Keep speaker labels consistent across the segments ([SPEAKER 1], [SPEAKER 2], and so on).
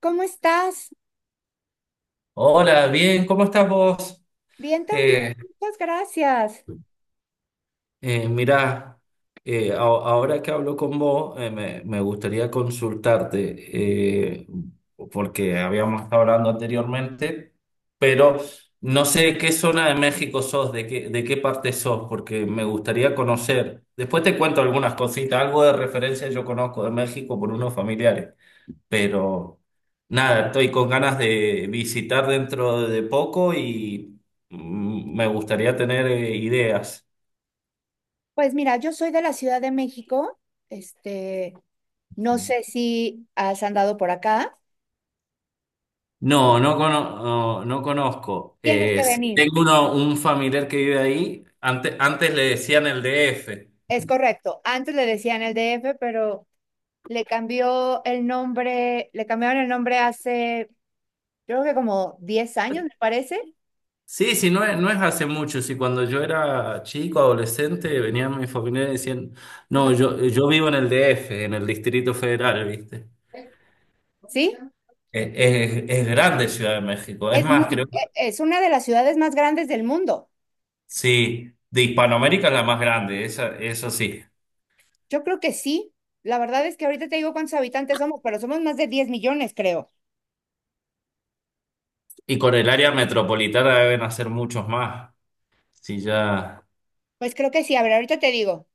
[SPEAKER 1] ¿Cómo estás?
[SPEAKER 2] Hola, bien, ¿cómo estás vos?
[SPEAKER 1] Bien también,
[SPEAKER 2] Eh,
[SPEAKER 1] muchas gracias.
[SPEAKER 2] Mirá, ahora que hablo con vos, me gustaría consultarte, porque habíamos estado hablando anteriormente, pero no sé de qué zona de México sos, de qué parte sos, porque me gustaría conocer. Después te cuento algunas cositas, algo de referencia yo conozco de México por unos familiares. Pero nada, estoy con ganas de visitar dentro de poco y me gustaría tener ideas.
[SPEAKER 1] Pues mira, yo soy de la Ciudad de México. Este, no sé si has andado por acá.
[SPEAKER 2] No, no, no, no conozco.
[SPEAKER 1] Tienes que
[SPEAKER 2] Sí,
[SPEAKER 1] venir.
[SPEAKER 2] tengo un familiar que vive ahí. Antes le decían el DF.
[SPEAKER 1] Es correcto. Antes le decían el DF, pero le cambió el nombre, le cambiaron el nombre hace, yo creo que como 10 años, me parece.
[SPEAKER 2] Sí, sí, no es hace mucho. Sí, cuando yo era chico, adolescente, venían mi familiares y decían: no, yo vivo en el DF, en el Distrito Federal, ¿viste?
[SPEAKER 1] ¿Sí?
[SPEAKER 2] Es, es grande Ciudad de México. Es
[SPEAKER 1] Es muy,
[SPEAKER 2] más, creo.
[SPEAKER 1] es una de las ciudades más grandes del mundo.
[SPEAKER 2] Sí, de Hispanoamérica es la más grande, esa, eso sí.
[SPEAKER 1] Yo creo que sí. La verdad es que ahorita te digo cuántos habitantes somos, pero somos más de 10 millones, creo.
[SPEAKER 2] Y con el área metropolitana deben hacer muchos más. Sí, ya.
[SPEAKER 1] Pues creo que sí, a ver, ahorita te digo,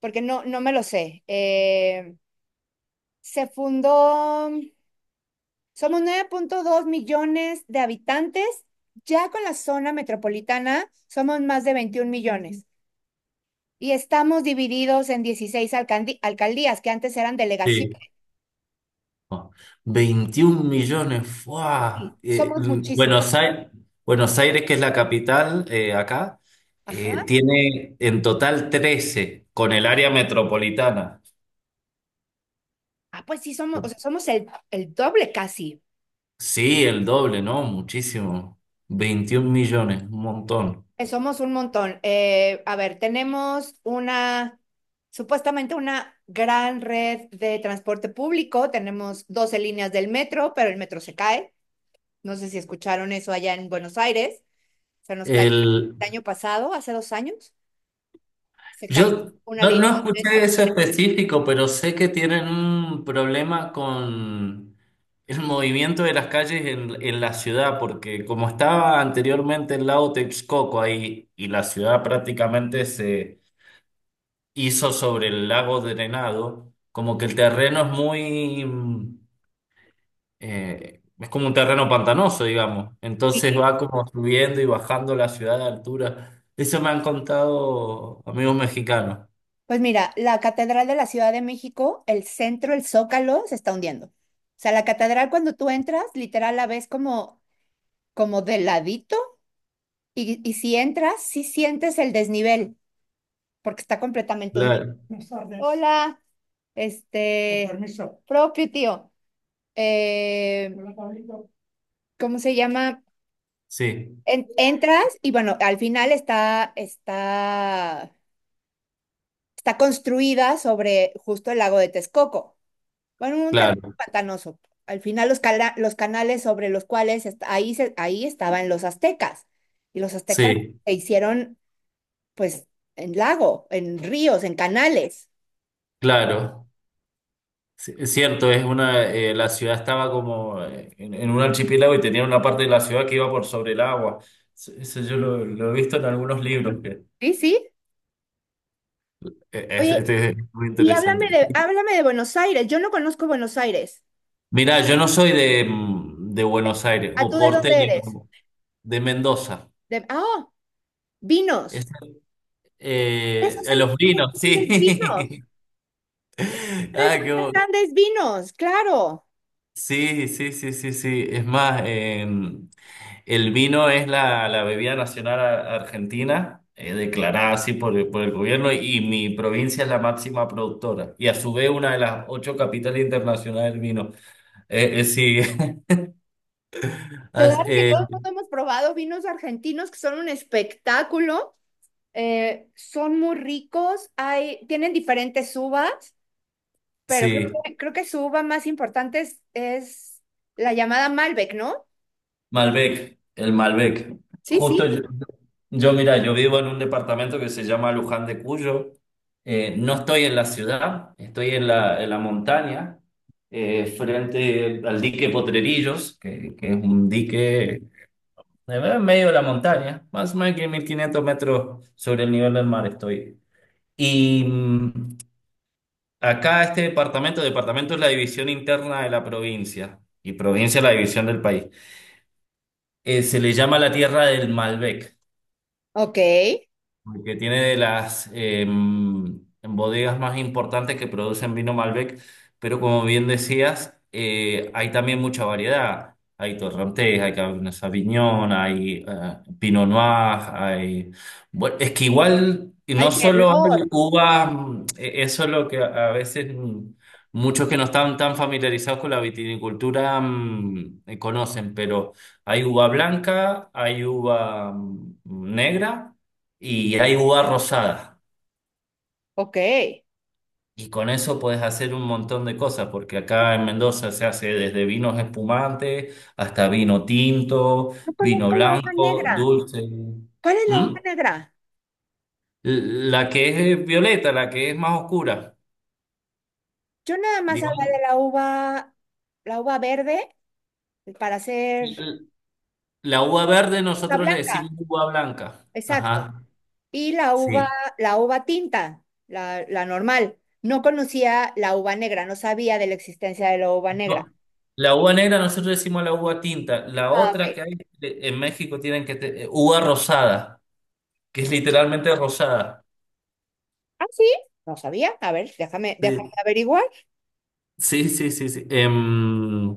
[SPEAKER 1] porque no me lo sé. Se fundó, somos 9,2 millones de habitantes, ya con la zona metropolitana somos más de 21 millones y estamos divididos en 16 alcaldías que antes eran
[SPEAKER 2] Sí.
[SPEAKER 1] delegaciones.
[SPEAKER 2] 21 millones. ¡Fua!
[SPEAKER 1] Y somos muchísimos.
[SPEAKER 2] Buenos Aires, Buenos Aires, que es la capital acá,
[SPEAKER 1] Ajá.
[SPEAKER 2] tiene en total 13 con el área metropolitana.
[SPEAKER 1] Ah, pues sí, somos, o sea, somos el doble casi.
[SPEAKER 2] Sí, el doble, ¿no? Muchísimo. 21 millones, un montón.
[SPEAKER 1] Somos un montón. A ver, supuestamente una gran red de transporte público. Tenemos 12 líneas del metro, pero el metro se cae. No sé si escucharon eso allá en Buenos Aires. Se nos cayó
[SPEAKER 2] El
[SPEAKER 1] el año pasado, hace 2 años, se cayó
[SPEAKER 2] Yo
[SPEAKER 1] una
[SPEAKER 2] no,
[SPEAKER 1] línea
[SPEAKER 2] no
[SPEAKER 1] del
[SPEAKER 2] escuché
[SPEAKER 1] metro.
[SPEAKER 2] eso específico, pero sé que tienen un problema con el movimiento de las calles en la ciudad, porque como estaba anteriormente el lago Texcoco ahí y la ciudad prácticamente se hizo sobre el lago drenado, como que el terreno es como un terreno pantanoso, digamos. Entonces
[SPEAKER 1] Sí.
[SPEAKER 2] va como subiendo y bajando la ciudad de altura. Eso me han contado amigos mexicanos.
[SPEAKER 1] Pues mira, la Catedral de la Ciudad de México, el centro, el Zócalo, se está hundiendo. O sea, la catedral cuando tú entras, literal la ves como de ladito. Y si entras, sí sientes el desnivel, porque está completamente hundido. Hola, con propio tío. eh, ¿Cómo se llama?
[SPEAKER 2] Sí,
[SPEAKER 1] Entras y bueno, al final está construida sobre justo el lago de Texcoco. Bueno, un terreno
[SPEAKER 2] claro,
[SPEAKER 1] pantanoso. Al final los canales sobre los cuales ahí estaban los aztecas. Y los aztecas
[SPEAKER 2] sí,
[SPEAKER 1] se hicieron pues en lago, en ríos, en canales.
[SPEAKER 2] claro. Sí, es cierto, la ciudad estaba como en un archipiélago y tenía una parte de la ciudad que iba por sobre el agua. Sí, eso yo lo he visto en algunos libros, que
[SPEAKER 1] Sí, sí. Oye,
[SPEAKER 2] este es muy
[SPEAKER 1] y
[SPEAKER 2] interesante.
[SPEAKER 1] háblame de Buenos Aires. Yo no conozco Buenos Aires.
[SPEAKER 2] Mirá, yo no soy de Buenos Aires,
[SPEAKER 1] ¿A tú
[SPEAKER 2] o
[SPEAKER 1] de dónde
[SPEAKER 2] porteño,
[SPEAKER 1] eres?
[SPEAKER 2] como, de Mendoza.
[SPEAKER 1] De, ah,
[SPEAKER 2] Es,
[SPEAKER 1] vinos. Tres
[SPEAKER 2] a los vinos, sí.
[SPEAKER 1] grandes vinos.
[SPEAKER 2] Ah,
[SPEAKER 1] Tres
[SPEAKER 2] qué bo-
[SPEAKER 1] grandes vinos, claro.
[SPEAKER 2] Sí, sí, sí, sí, sí. Es más, el vino es la bebida nacional argentina, declarada así por el gobierno, y mi provincia es la máxima productora, y a su vez una de las ocho capitales internacionales del vino. Sí.
[SPEAKER 1] Claro
[SPEAKER 2] as-
[SPEAKER 1] que
[SPEAKER 2] eh,
[SPEAKER 1] todo el mundo hemos probado vinos argentinos que son un espectáculo. Son muy ricos. Hay, tienen diferentes uvas, pero
[SPEAKER 2] sí,
[SPEAKER 1] creo que su uva más importante es la llamada Malbec, ¿no?
[SPEAKER 2] Malbec, el Malbec.
[SPEAKER 1] Sí,
[SPEAKER 2] Justo
[SPEAKER 1] sí.
[SPEAKER 2] mira, yo vivo en un departamento que se llama Luján de Cuyo. No estoy en la ciudad, estoy en la montaña, frente al dique Potrerillos, que es un dique. Me veo en medio de la montaña, más o menos que 1.500 metros sobre el nivel del mar estoy. Y acá este departamento es la división interna de la provincia y provincia es la división del país. Se le llama la Tierra del Malbec.
[SPEAKER 1] Ok. Ay,
[SPEAKER 2] Porque tiene de las bodegas más importantes que producen vino Malbec, pero como bien decías, hay también mucha variedad. Hay Torrontés, hay Cabernet Sauvignon, hay Pinot Noir, hay. Bueno, es que igual no solo hay
[SPEAKER 1] merlot.
[SPEAKER 2] uvas, eso es lo que a veces, muchos que no están tan familiarizados con la vitinicultura conocen, pero hay uva blanca, hay uva negra y hay uva rosada.
[SPEAKER 1] Ok.
[SPEAKER 2] Y con eso puedes hacer un montón de cosas, porque acá en Mendoza se hace desde vinos espumantes hasta vino tinto,
[SPEAKER 1] No
[SPEAKER 2] vino
[SPEAKER 1] conozco la uva
[SPEAKER 2] blanco,
[SPEAKER 1] negra.
[SPEAKER 2] dulce.
[SPEAKER 1] ¿Cuál es la
[SPEAKER 2] ¿Mm?
[SPEAKER 1] uva negra?
[SPEAKER 2] La que es violeta, la que es más oscura.
[SPEAKER 1] Yo nada más hablaba
[SPEAKER 2] Digamos,
[SPEAKER 1] de la uva verde para hacer
[SPEAKER 2] l- la uva verde
[SPEAKER 1] la
[SPEAKER 2] nosotros le
[SPEAKER 1] blanca,
[SPEAKER 2] decimos uva blanca.
[SPEAKER 1] exacto.
[SPEAKER 2] Ajá,
[SPEAKER 1] Y
[SPEAKER 2] sí.
[SPEAKER 1] la uva tinta, la normal. No conocía la uva negra, no sabía de la existencia de la uva
[SPEAKER 2] No,
[SPEAKER 1] negra.
[SPEAKER 2] la uva negra nosotros le decimos la uva tinta. La
[SPEAKER 1] Ah,
[SPEAKER 2] otra
[SPEAKER 1] ok.
[SPEAKER 2] que hay en México tienen que uva rosada, que es literalmente rosada.
[SPEAKER 1] Ah, sí, no sabía. A ver, déjame
[SPEAKER 2] Sí,
[SPEAKER 1] averiguar.
[SPEAKER 2] sí, sí, sí. Sí.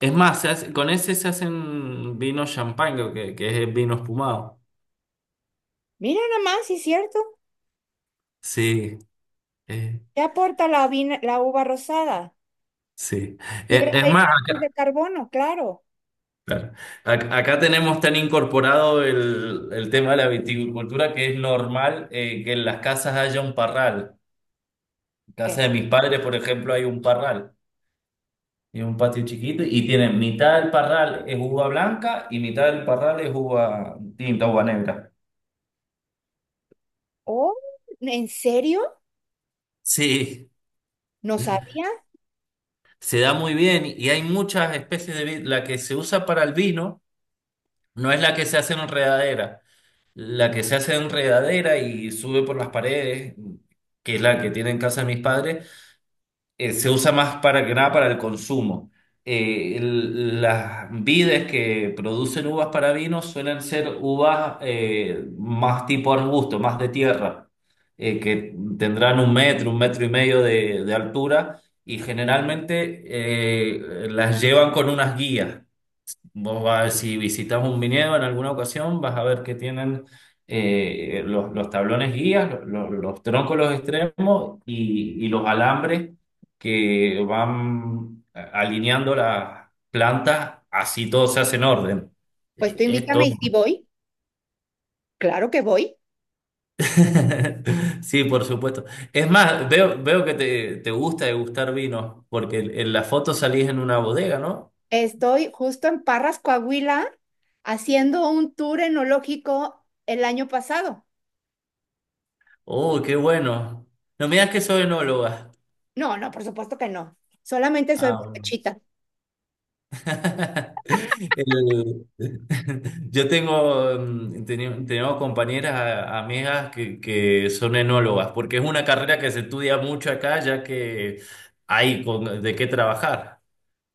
[SPEAKER 2] Es más, con ese se hacen vino champán, creo que es vino espumado.
[SPEAKER 1] Mira nada más, sí es cierto.
[SPEAKER 2] Sí, eh,
[SPEAKER 1] ¿Qué aporta la, la uva rosada?
[SPEAKER 2] sí.
[SPEAKER 1] Fibra
[SPEAKER 2] Es
[SPEAKER 1] de
[SPEAKER 2] más,
[SPEAKER 1] hidratos de
[SPEAKER 2] acá,
[SPEAKER 1] carbono, claro.
[SPEAKER 2] claro. Acá tenemos tan incorporado el tema de la viticultura que es normal que en las casas haya un parral. En
[SPEAKER 1] ¿Qué?
[SPEAKER 2] casa de mis padres, por ejemplo, hay un parral. Y un patio chiquito y tienen mitad del parral es uva blanca y mitad del parral es uva tinta, uva negra.
[SPEAKER 1] Oh, ¿en serio?
[SPEAKER 2] Sí,
[SPEAKER 1] No sabía.
[SPEAKER 2] se da muy bien y hay muchas especies de vid. La que se usa para el vino no es la que se hace en enredadera. La que se hace en enredadera y sube por las paredes, que es la que tienen en casa de mis padres, se usa más para que nada para el consumo. Las vides que producen uvas para vino suelen ser uvas más tipo arbusto, más de tierra, que tendrán un metro y medio de altura, y generalmente las llevan con unas guías. Vos vas, si visitas un viñedo en alguna ocasión, vas a ver que tienen los tablones guías, los troncos, los extremos y los alambres que van alineando las plantas, así todo se hace en orden.
[SPEAKER 1] Pues tú
[SPEAKER 2] Esto.
[SPEAKER 1] invítame y si voy, claro que voy.
[SPEAKER 2] Sí, por supuesto. Es más, veo que te gusta degustar vinos, porque en la foto salís en una bodega, ¿no?
[SPEAKER 1] Estoy justo en Parras, Coahuila, haciendo un tour enológico el año pasado.
[SPEAKER 2] Oh, qué bueno. No me digas que soy enóloga.
[SPEAKER 1] No, no, por supuesto que no. Solamente soy
[SPEAKER 2] Ah, bueno.
[SPEAKER 1] borrachita.
[SPEAKER 2] El- yo tengo compañeras, amigas que son enólogas, porque es una carrera que se estudia mucho acá, ya que hay de qué trabajar.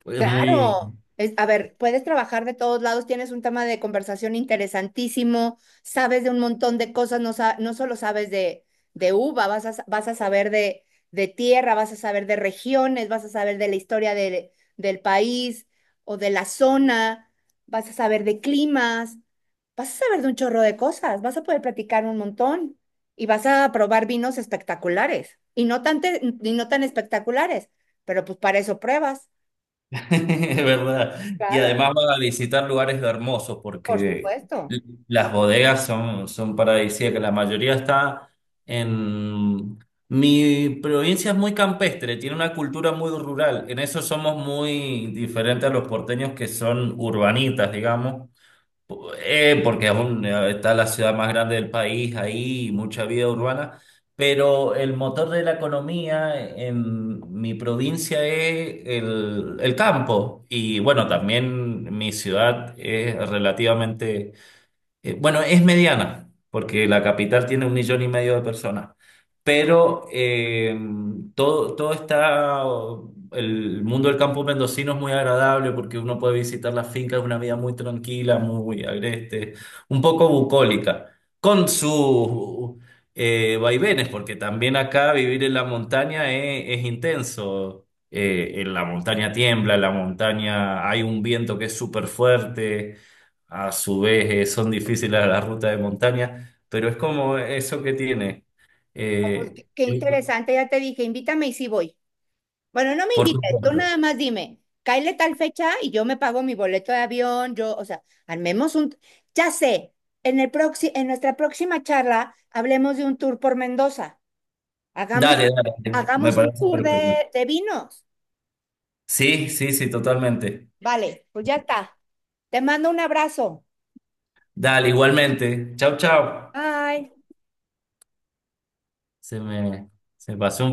[SPEAKER 2] Es muy,
[SPEAKER 1] Claro, a ver, puedes trabajar de todos lados, tienes un tema de conversación interesantísimo, sabes de un montón de cosas, no, no solo sabes de uva, vas a saber de tierra, vas a saber de regiones, vas a saber de la historia del país o de la zona, vas a saber de climas, vas a saber de un chorro de cosas, vas a poder platicar un montón y vas a probar vinos espectaculares y no y no tan espectaculares, pero pues para eso pruebas.
[SPEAKER 2] Es verdad. Y
[SPEAKER 1] Claro.
[SPEAKER 2] además va a visitar lugares hermosos
[SPEAKER 1] Por
[SPEAKER 2] porque
[SPEAKER 1] supuesto.
[SPEAKER 2] l- las bodegas son paradisíacas. La mayoría está en... Mi provincia es muy campestre, tiene una cultura muy rural. En eso somos muy diferentes a los porteños que son urbanitas, digamos. Porque está la ciudad más grande del país ahí, mucha vida urbana, pero el motor de la economía en mi provincia es el campo. Y bueno, también mi ciudad es relativamente bueno, es mediana, porque la capital tiene un millón y medio de personas, pero todo, todo está, el mundo del campo mendocino es muy agradable porque uno puede visitar las fincas, es una vida muy tranquila, muy agreste, un poco bucólica, con sus vaivenes, porque también acá vivir en la montaña es intenso. En la montaña tiembla, en la montaña hay un viento que es súper fuerte. A su vez, son difíciles a las rutas de montaña, pero es como eso que tiene.
[SPEAKER 1] Ah, pues,
[SPEAKER 2] Eh,
[SPEAKER 1] qué
[SPEAKER 2] Sí,
[SPEAKER 1] interesante, ya te dije, invítame y sí voy. Bueno, no me
[SPEAKER 2] por
[SPEAKER 1] invites, tú
[SPEAKER 2] supuesto.
[SPEAKER 1] nada más dime, cáele tal fecha y yo me pago mi boleto de avión, yo, o sea, armemos un... Ya sé, en el en nuestra próxima charla hablemos de un tour por Mendoza. Hagamos,
[SPEAKER 2] Dale, dale, me
[SPEAKER 1] hagamos un
[SPEAKER 2] parece
[SPEAKER 1] tour
[SPEAKER 2] perfecto.
[SPEAKER 1] de vinos.
[SPEAKER 2] Sí, sí, sí, totalmente.
[SPEAKER 1] Vale, pues ya está. Te mando un abrazo.
[SPEAKER 2] Dale, igualmente. Chau, chau.
[SPEAKER 1] Bye.
[SPEAKER 2] Se me, se pasó un